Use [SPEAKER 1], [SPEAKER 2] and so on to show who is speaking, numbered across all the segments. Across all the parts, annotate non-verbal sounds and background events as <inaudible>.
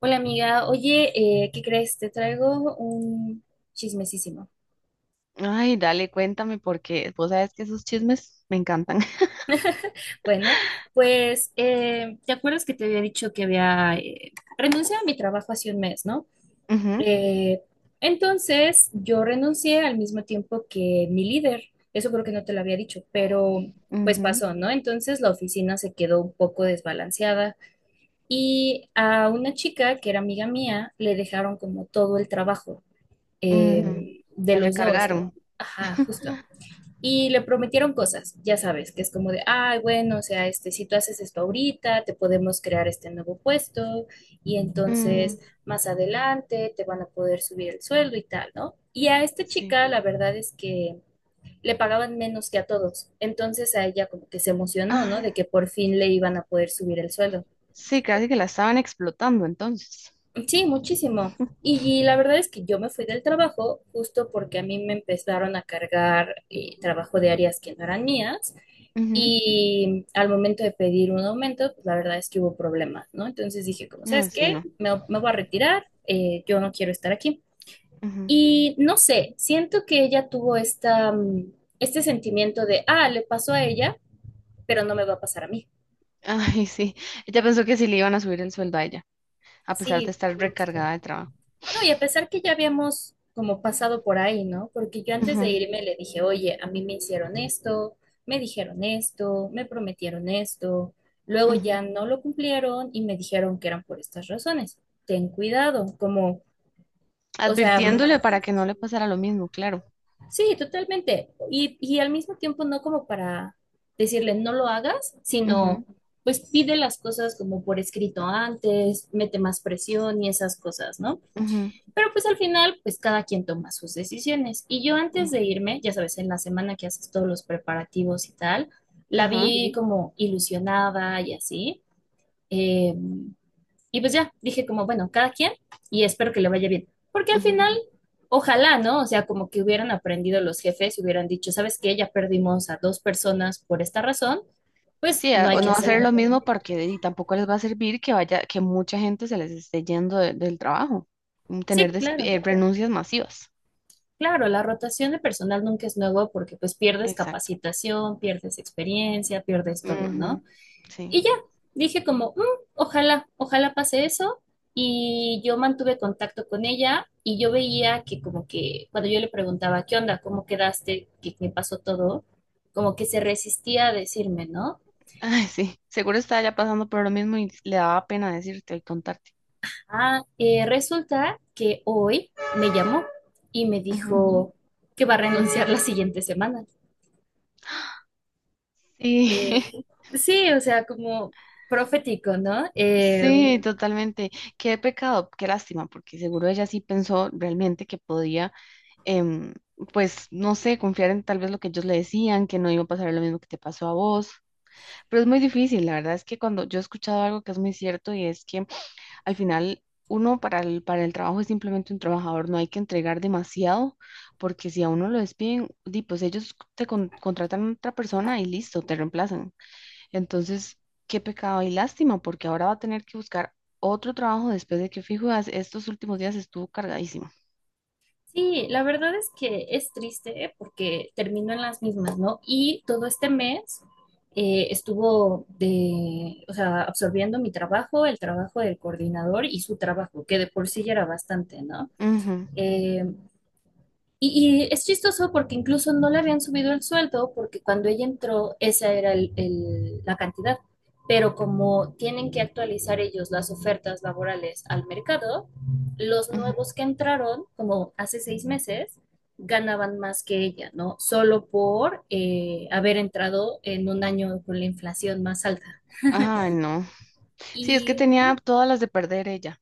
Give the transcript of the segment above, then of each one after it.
[SPEAKER 1] Hola amiga, oye, ¿qué crees? Te traigo un chismesísimo.
[SPEAKER 2] Ay, dale, cuéntame, porque vos sabes que esos chismes me encantan.
[SPEAKER 1] Bueno, pues, ¿te acuerdas que te había dicho que había renunciado a mi trabajo hace un mes, ¿no?
[SPEAKER 2] <laughs> Ujú,
[SPEAKER 1] Eh, entonces, yo renuncié al mismo tiempo que mi líder. Eso creo que no te lo había dicho, pero pues
[SPEAKER 2] ujú,
[SPEAKER 1] pasó, ¿no? Entonces la oficina se quedó un poco desbalanceada y a una chica que era amiga mía le dejaron como todo el trabajo
[SPEAKER 2] ujú.
[SPEAKER 1] de
[SPEAKER 2] La
[SPEAKER 1] los dos, ¿no?
[SPEAKER 2] recargaron.
[SPEAKER 1] Ajá, justo. Y le prometieron cosas, ya sabes, que es como de, ay, bueno, o sea, este, si tú haces esto ahorita, te podemos crear este nuevo puesto y
[SPEAKER 2] Ujú,
[SPEAKER 1] entonces más adelante te van a poder subir el sueldo y tal, ¿no? Y a esta
[SPEAKER 2] sí.
[SPEAKER 1] chica la verdad es que le pagaban menos que a todos, entonces a ella como que se emocionó, ¿no? De
[SPEAKER 2] Ah,
[SPEAKER 1] que por fin le iban a poder subir el sueldo.
[SPEAKER 2] sí, casi que la estaban explotando entonces.
[SPEAKER 1] Sí, muchísimo. Y la verdad es que yo me fui del trabajo justo porque a mí me empezaron a cargar trabajo de áreas que no eran mías.
[SPEAKER 2] Ujú.
[SPEAKER 1] Y al momento de pedir un aumento, pues la verdad es que hubo problemas, ¿no? Entonces dije, como,
[SPEAKER 2] Ah,
[SPEAKER 1] ¿sabes
[SPEAKER 2] sí,
[SPEAKER 1] qué?
[SPEAKER 2] no.
[SPEAKER 1] Me voy a retirar, yo no quiero estar aquí.
[SPEAKER 2] Ujú.
[SPEAKER 1] Y no sé, siento que ella tuvo esta, este sentimiento de, ah, le pasó a ella, pero no me va a pasar a mí.
[SPEAKER 2] Ay, sí. Ella pensó que sí le iban a subir el sueldo a ella, a pesar de
[SPEAKER 1] Sí,
[SPEAKER 2] estar recargada de trabajo.
[SPEAKER 1] no, y a pesar que ya habíamos como pasado por ahí, ¿no? Porque yo antes de
[SPEAKER 2] Ujú,
[SPEAKER 1] irme le dije, oye, a mí me hicieron esto, me dijeron esto, me prometieron esto, luego
[SPEAKER 2] ujú.
[SPEAKER 1] ya no lo cumplieron y me dijeron que eran por estas razones. Ten cuidado, como, o sea,
[SPEAKER 2] Advirtiéndole para que no le pasara lo mismo, claro.
[SPEAKER 1] sí, totalmente. Y al mismo tiempo no como para decirle no lo hagas, sino
[SPEAKER 2] Ujú,
[SPEAKER 1] pues pide las cosas como por escrito antes, mete más presión y esas cosas, ¿no?
[SPEAKER 2] ujú,
[SPEAKER 1] Pero pues al final, pues cada quien toma sus decisiones. Y yo antes
[SPEAKER 2] ujú.
[SPEAKER 1] de irme, ya sabes, en la semana que haces todos los preparativos y tal, la
[SPEAKER 2] Ajá.
[SPEAKER 1] vi como ilusionada y así. eh, y pues ya, dije como, bueno, cada quien, y espero que le vaya bien. Porque al
[SPEAKER 2] Ujú.
[SPEAKER 1] final, ojalá, ¿no? O sea, como que hubieran aprendido los jefes, hubieran dicho, ¿sabes qué? Ya perdimos a dos personas por esta razón, pues
[SPEAKER 2] Sí,
[SPEAKER 1] no
[SPEAKER 2] a-
[SPEAKER 1] hay
[SPEAKER 2] o
[SPEAKER 1] que
[SPEAKER 2] no
[SPEAKER 1] hacer
[SPEAKER 2] hacer
[SPEAKER 1] más.
[SPEAKER 2] lo mismo porque y tampoco les va a servir que vaya, que mucha gente se les esté yendo de- del trabajo, mm, tener
[SPEAKER 1] Sí,
[SPEAKER 2] desp-
[SPEAKER 1] claro.
[SPEAKER 2] renuncias masivas.
[SPEAKER 1] Claro, la rotación de personal nunca es nuevo porque pues pierdes
[SPEAKER 2] Exacto.
[SPEAKER 1] capacitación, pierdes experiencia, pierdes todo, ¿no?
[SPEAKER 2] Ujú, sí.
[SPEAKER 1] Y ya, dije como, "Mm, ojalá, ojalá pase eso". Y yo mantuve contacto con ella y yo veía que como que cuando yo le preguntaba, ¿qué onda? ¿Cómo quedaste? ¿Qué pasó todo? Como que se resistía a decirme, ¿no?
[SPEAKER 2] <laughs> Ay, sí. Seguro estaba ya pasando por lo mismo y le daba pena decirte y contarte.
[SPEAKER 1] Ah, resulta que hoy me llamó y me
[SPEAKER 2] Ujú.
[SPEAKER 1] dijo que va a renunciar la siguiente semana.
[SPEAKER 2] Sí, <laughs> sí,
[SPEAKER 1] Eh, sí, o sea, como profético, ¿no?
[SPEAKER 2] sí, totalmente. Qué pecado, qué lástima, porque seguro ella sí pensó realmente que podía, em, pues, no sé, confiar en tal vez lo que ellos le decían, que no iba a pasar lo mismo que te pasó a vos. Pero es muy difícil, la verdad es que cuando yo he escuchado algo que es muy cierto y es que al final uno para el trabajo es simplemente un trabajador, no hay que entregar demasiado, porque si a uno lo despiden, di, pues ellos te con- contratan a otra persona y listo, te reemplazan. Entonces, qué pecado y lástima, porque ahora va a tener que buscar otro trabajo después de que fijo, as- estos últimos días estuvo cargadísimo.
[SPEAKER 1] Sí, la verdad es que es triste porque terminó en las mismas, ¿no? Y todo este mes estuvo de, o sea, absorbiendo mi trabajo, el trabajo del coordinador y su trabajo, que de por sí ya era bastante, ¿no?
[SPEAKER 2] Ujú,
[SPEAKER 1] Eh, y es chistoso porque incluso no le habían subido el sueldo porque cuando ella entró esa era la cantidad. Pero como tienen que actualizar ellos las ofertas laborales al mercado, los
[SPEAKER 2] ujú.
[SPEAKER 1] nuevos que entraron, como hace 6 meses, ganaban más que ella, ¿no? Solo por haber entrado en un año con la inflación más alta.
[SPEAKER 2] Ay, no. Sí, es que
[SPEAKER 1] Y
[SPEAKER 2] tenía todas las de perder ella,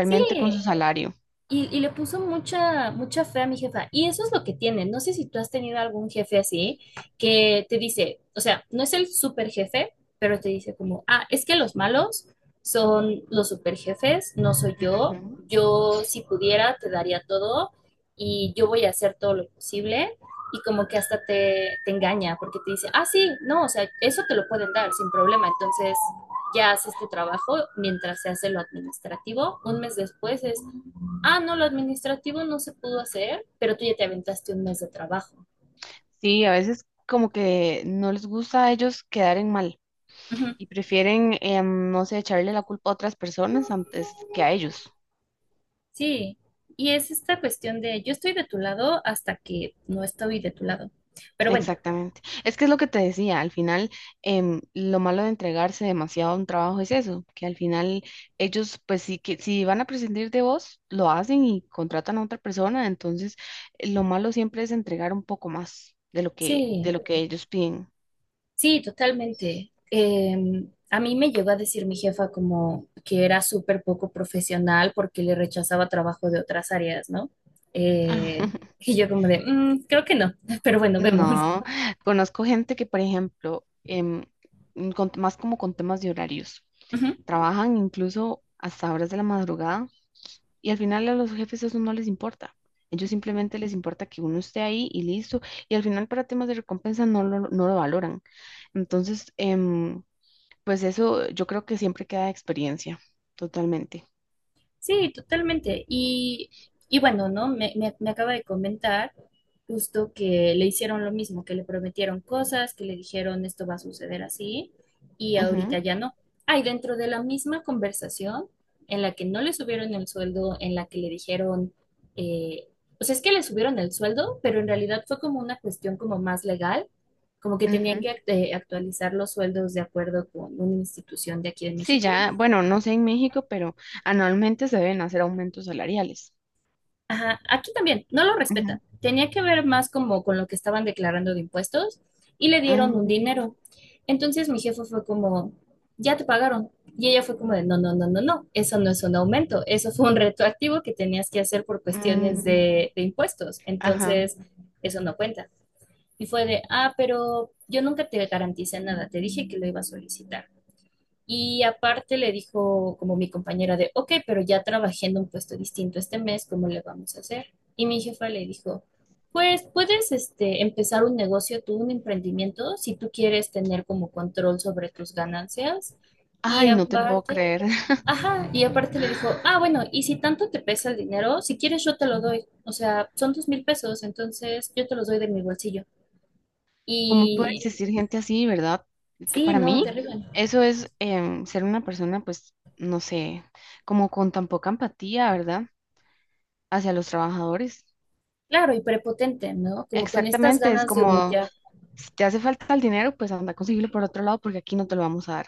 [SPEAKER 1] sí,
[SPEAKER 2] con su salario.
[SPEAKER 1] y le puso mucha, mucha fe a mi jefa. Y eso es lo que tiene. No sé si tú has tenido algún jefe así que te dice, o sea, no es el super jefe, pero te dice como, ah, es que los malos son los super jefes, no soy yo.
[SPEAKER 2] Ujú.
[SPEAKER 1] Yo, si pudiera, te daría todo y yo voy a hacer todo lo posible. Y como que hasta te engaña porque te dice, ah, sí, no, o sea, eso te lo pueden dar sin problema. Entonces, ya hace este trabajo mientras se hace lo administrativo. Un mes después es: ah, no, lo administrativo no se pudo hacer, pero tú ya te aventaste un mes de trabajo.
[SPEAKER 2] Sí, a veces como que no les gusta a ellos quedar en mal
[SPEAKER 1] Ujú.
[SPEAKER 2] y prefieren, no sé, echarle la culpa a otras personas antes que a ellos.
[SPEAKER 1] Sí, y es esta cuestión de yo estoy de tu lado hasta que no estoy de tu lado. Pero bueno,
[SPEAKER 2] Exactamente. Es que es lo que te decía, al final lo malo de entregarse demasiado a un trabajo es eso, que al final ellos pues sí que si van a prescindir de vos, lo hacen y contratan a otra persona, entonces lo malo siempre es entregar un poco más de
[SPEAKER 1] sí,
[SPEAKER 2] lo que ellos piden.
[SPEAKER 1] sí, totalmente. A mí me llegó a decir mi jefa como que era súper poco profesional porque le rechazaba trabajo de otras áreas, ¿no? Eh,
[SPEAKER 2] <laughs>
[SPEAKER 1] y yo como de, "Mm, creo que no", <laughs> pero bueno, vemos.
[SPEAKER 2] No, conozco gente que, por ejemplo, con- más como con temas de horarios, trabajan incluso hasta horas de la madrugada y al final a los jefes eso no les importa. Ellos simplemente les importa que uno esté ahí y listo. Y al final para temas de recompensa no lo valoran. Entonces, pues eso yo creo que siempre queda de experiencia, totalmente.
[SPEAKER 1] Sí, totalmente. Y bueno, ¿no? Me acaba de comentar justo que le hicieron lo mismo, que le prometieron cosas, que le dijeron esto va a suceder así y ahorita ya no. Hay dentro de la misma conversación en la que no le subieron el sueldo, en la que le dijeron, eh, o sea, es que le subieron el sueldo, pero en realidad fue como una cuestión como más legal, como que
[SPEAKER 2] Ujú, ujú.
[SPEAKER 1] tenían que actualizar los sueldos de acuerdo con una institución de aquí de
[SPEAKER 2] Sí,
[SPEAKER 1] México.
[SPEAKER 2] ya, bueno, no sé en México, pero anualmente se deben hacer aumentos salariales.
[SPEAKER 1] Ajá, aquí también, no lo respetan.
[SPEAKER 2] Ujú,
[SPEAKER 1] Tenía que ver más como con lo que estaban declarando de impuestos y le dieron un
[SPEAKER 2] ujú.
[SPEAKER 1] dinero. Entonces mi jefe fue como, ya te pagaron. Y ella fue como de, no, no, no, no, no, eso no es un aumento, eso fue un retroactivo que tenías que hacer por cuestiones
[SPEAKER 2] Mm,
[SPEAKER 1] de impuestos.
[SPEAKER 2] ajá.
[SPEAKER 1] Entonces, eso no cuenta. Y fue de, ah, pero yo nunca te garanticé nada, te dije que lo iba a solicitar. Y aparte le dijo como mi compañera de, ok, pero ya trabajé en un puesto distinto este mes, ¿cómo le vamos a hacer? Y mi jefa le dijo, pues puedes este, empezar un negocio, tú, un emprendimiento, si tú quieres tener como control sobre tus ganancias. Y
[SPEAKER 2] Ay, no te puedo
[SPEAKER 1] aparte,
[SPEAKER 2] creer. <laughs>
[SPEAKER 1] ajá, y aparte le dijo, ah, bueno, y si tanto te pesa el dinero, si quieres yo te lo doy. O sea, son 2,000 pesos, entonces yo te los doy de mi bolsillo.
[SPEAKER 2] ¿Cómo puede
[SPEAKER 1] Y
[SPEAKER 2] existir gente así, verdad? Que
[SPEAKER 1] sí,
[SPEAKER 2] para
[SPEAKER 1] no,
[SPEAKER 2] mí,
[SPEAKER 1] terrible.
[SPEAKER 2] eso es ser una persona, pues, no sé, como con tan poca empatía, ¿verdad? Hacia los trabajadores.
[SPEAKER 1] Claro, y prepotente, ¿no? Como con estas
[SPEAKER 2] Exactamente, es
[SPEAKER 1] ganas de
[SPEAKER 2] como,
[SPEAKER 1] humillar.
[SPEAKER 2] si te hace falta el dinero, pues anda a conseguirlo por otro lado porque aquí no te lo vamos a dar.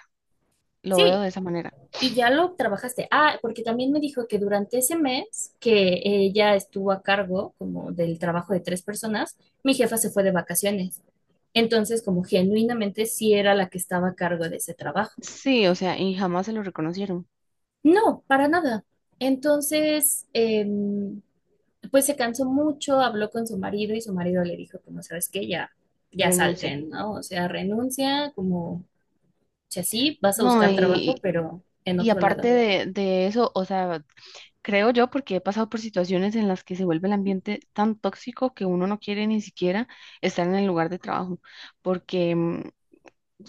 [SPEAKER 2] Lo veo
[SPEAKER 1] Sí,
[SPEAKER 2] de esa manera.
[SPEAKER 1] y ya lo trabajaste. Ah, porque también me dijo que durante ese mes que ella estuvo a cargo como del trabajo de 3 personas, mi jefa se fue de vacaciones. Entonces, como genuinamente sí era la que estaba a cargo de ese trabajo.
[SPEAKER 2] Sí, o sea, y jamás se lo reconocieron.
[SPEAKER 1] No, para nada. Entonces, pues se cansó mucho, habló con su marido y su marido le dijo, como, ¿sabes qué? Ya, ya
[SPEAKER 2] Renuncia.
[SPEAKER 1] salten, ¿no? O sea, renuncia, como sea, sí, vas a
[SPEAKER 2] No,
[SPEAKER 1] buscar trabajo, pero en
[SPEAKER 2] y
[SPEAKER 1] otro
[SPEAKER 2] aparte
[SPEAKER 1] lado.
[SPEAKER 2] de eso, o sea, creo yo, porque he pasado por situaciones en las que se vuelve el ambiente tan tóxico que uno no quiere ni siquiera estar en el lugar de trabajo. Porque, mm,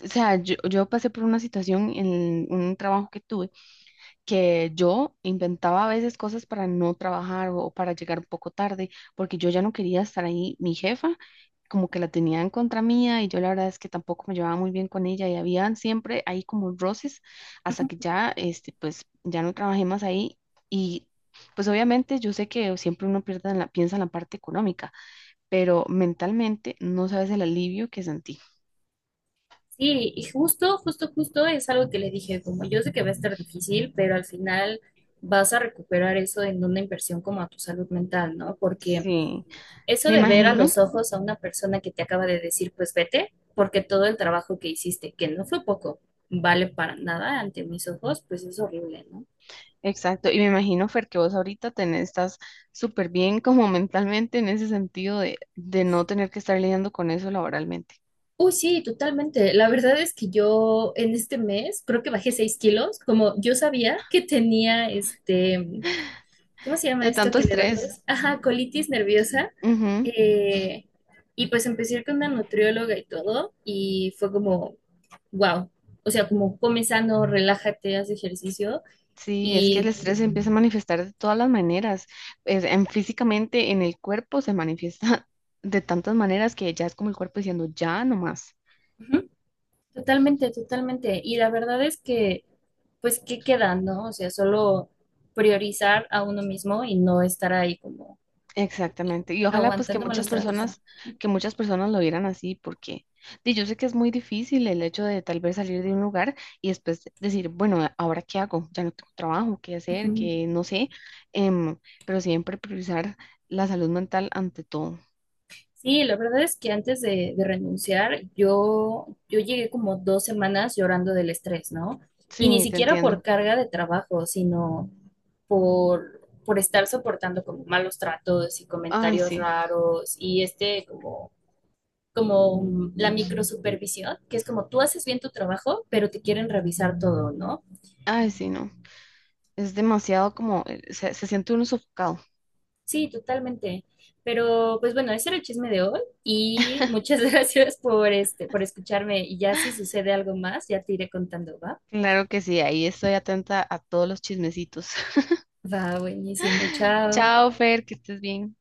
[SPEAKER 2] o sea, yo pasé por una situación en un trabajo que tuve que yo inventaba a veces cosas para no trabajar o para llegar un poco tarde, porque yo ya no quería estar ahí. Mi jefa como que la tenía en contra mía y yo la verdad es que tampoco me llevaba muy bien con ella y habían siempre ahí como roces hasta
[SPEAKER 1] Ujú.
[SPEAKER 2] que ya, este, pues ya no trabajé más ahí y pues obviamente yo sé que siempre uno pierde en la, piensa en la parte económica, pero mentalmente no sabes el alivio que sentí.
[SPEAKER 1] Sí, y justo, justo, justo es algo que le dije, como yo sé que va a estar difícil, pero al final vas a recuperar eso en una inversión como a tu salud mental, ¿no? Porque
[SPEAKER 2] Sí,
[SPEAKER 1] eso
[SPEAKER 2] me
[SPEAKER 1] de ver a
[SPEAKER 2] imagino.
[SPEAKER 1] los ojos a una persona que te acaba de decir, pues vete, porque todo el trabajo que hiciste, que no fue poco, vale para nada ante mis ojos, pues es horrible, ¿no?
[SPEAKER 2] Exacto, y me imagino, Fer, que vos ahorita tenés, estás súper bien como mentalmente en ese sentido de no tener que estar lidiando con eso laboralmente.
[SPEAKER 1] Uy, sí, totalmente. La verdad es que yo en este mes creo que bajé 6 kilos, como yo sabía que tenía este, ¿cómo se llama
[SPEAKER 2] De
[SPEAKER 1] esto
[SPEAKER 2] tanto
[SPEAKER 1] que le da a
[SPEAKER 2] estrés.
[SPEAKER 1] todos? Ajá, colitis nerviosa.
[SPEAKER 2] Ujú.
[SPEAKER 1] Eh, y pues empecé a ir con una nutrióloga y todo, y fue como, wow. O sea, como come sano, relájate, haz ejercicio.
[SPEAKER 2] Sí, es que el
[SPEAKER 1] Y
[SPEAKER 2] estrés se empieza a manifestar de todas las maneras. Es- en, físicamente en el cuerpo se manifiesta <laughs> de tantas maneras que ya es como el cuerpo diciendo, ya no más.
[SPEAKER 1] ujú, totalmente, totalmente. Y la verdad es que, pues, ¿qué queda, no? O sea, solo priorizar a uno mismo y no estar ahí como
[SPEAKER 2] Exactamente. Y ojalá pues
[SPEAKER 1] aguantándome los tratos.
[SPEAKER 2] que muchas personas lo vieran así, porque di, yo sé que es muy difícil el hecho de tal vez salir de un lugar y después decir, bueno, ¿a- ¿ahora qué hago? Ya no tengo trabajo, qué hacer,
[SPEAKER 1] Ujú.
[SPEAKER 2] qué no sé, em, pero siempre priorizar la salud mental ante todo.
[SPEAKER 1] Sí, la verdad es que antes de renunciar, yo llegué como 2 semanas llorando del estrés, ¿no? Y ni
[SPEAKER 2] Sí, te
[SPEAKER 1] siquiera por
[SPEAKER 2] entiendo.
[SPEAKER 1] carga de trabajo, sino por estar soportando como malos tratos y
[SPEAKER 2] Ay,
[SPEAKER 1] comentarios
[SPEAKER 2] sí,
[SPEAKER 1] raros y este como, la microsupervisión, que es como tú haces bien tu trabajo, pero te quieren revisar todo, ¿no?
[SPEAKER 2] ay, sí, no. Es demasiado como, se, se siente uno sofocado.
[SPEAKER 1] Sí, totalmente. Pero pues bueno, ese era el chisme de hoy y
[SPEAKER 2] <laughs>
[SPEAKER 1] muchas <laughs> gracias por este, por escucharme. Y ya si sucede algo más, ya te iré contando, ¿va?
[SPEAKER 2] Claro que sí, ahí estoy atenta a todos los chismecitos. <laughs>
[SPEAKER 1] Va, buenísimo. Chao.
[SPEAKER 2] Chao, Fer, que estés bien.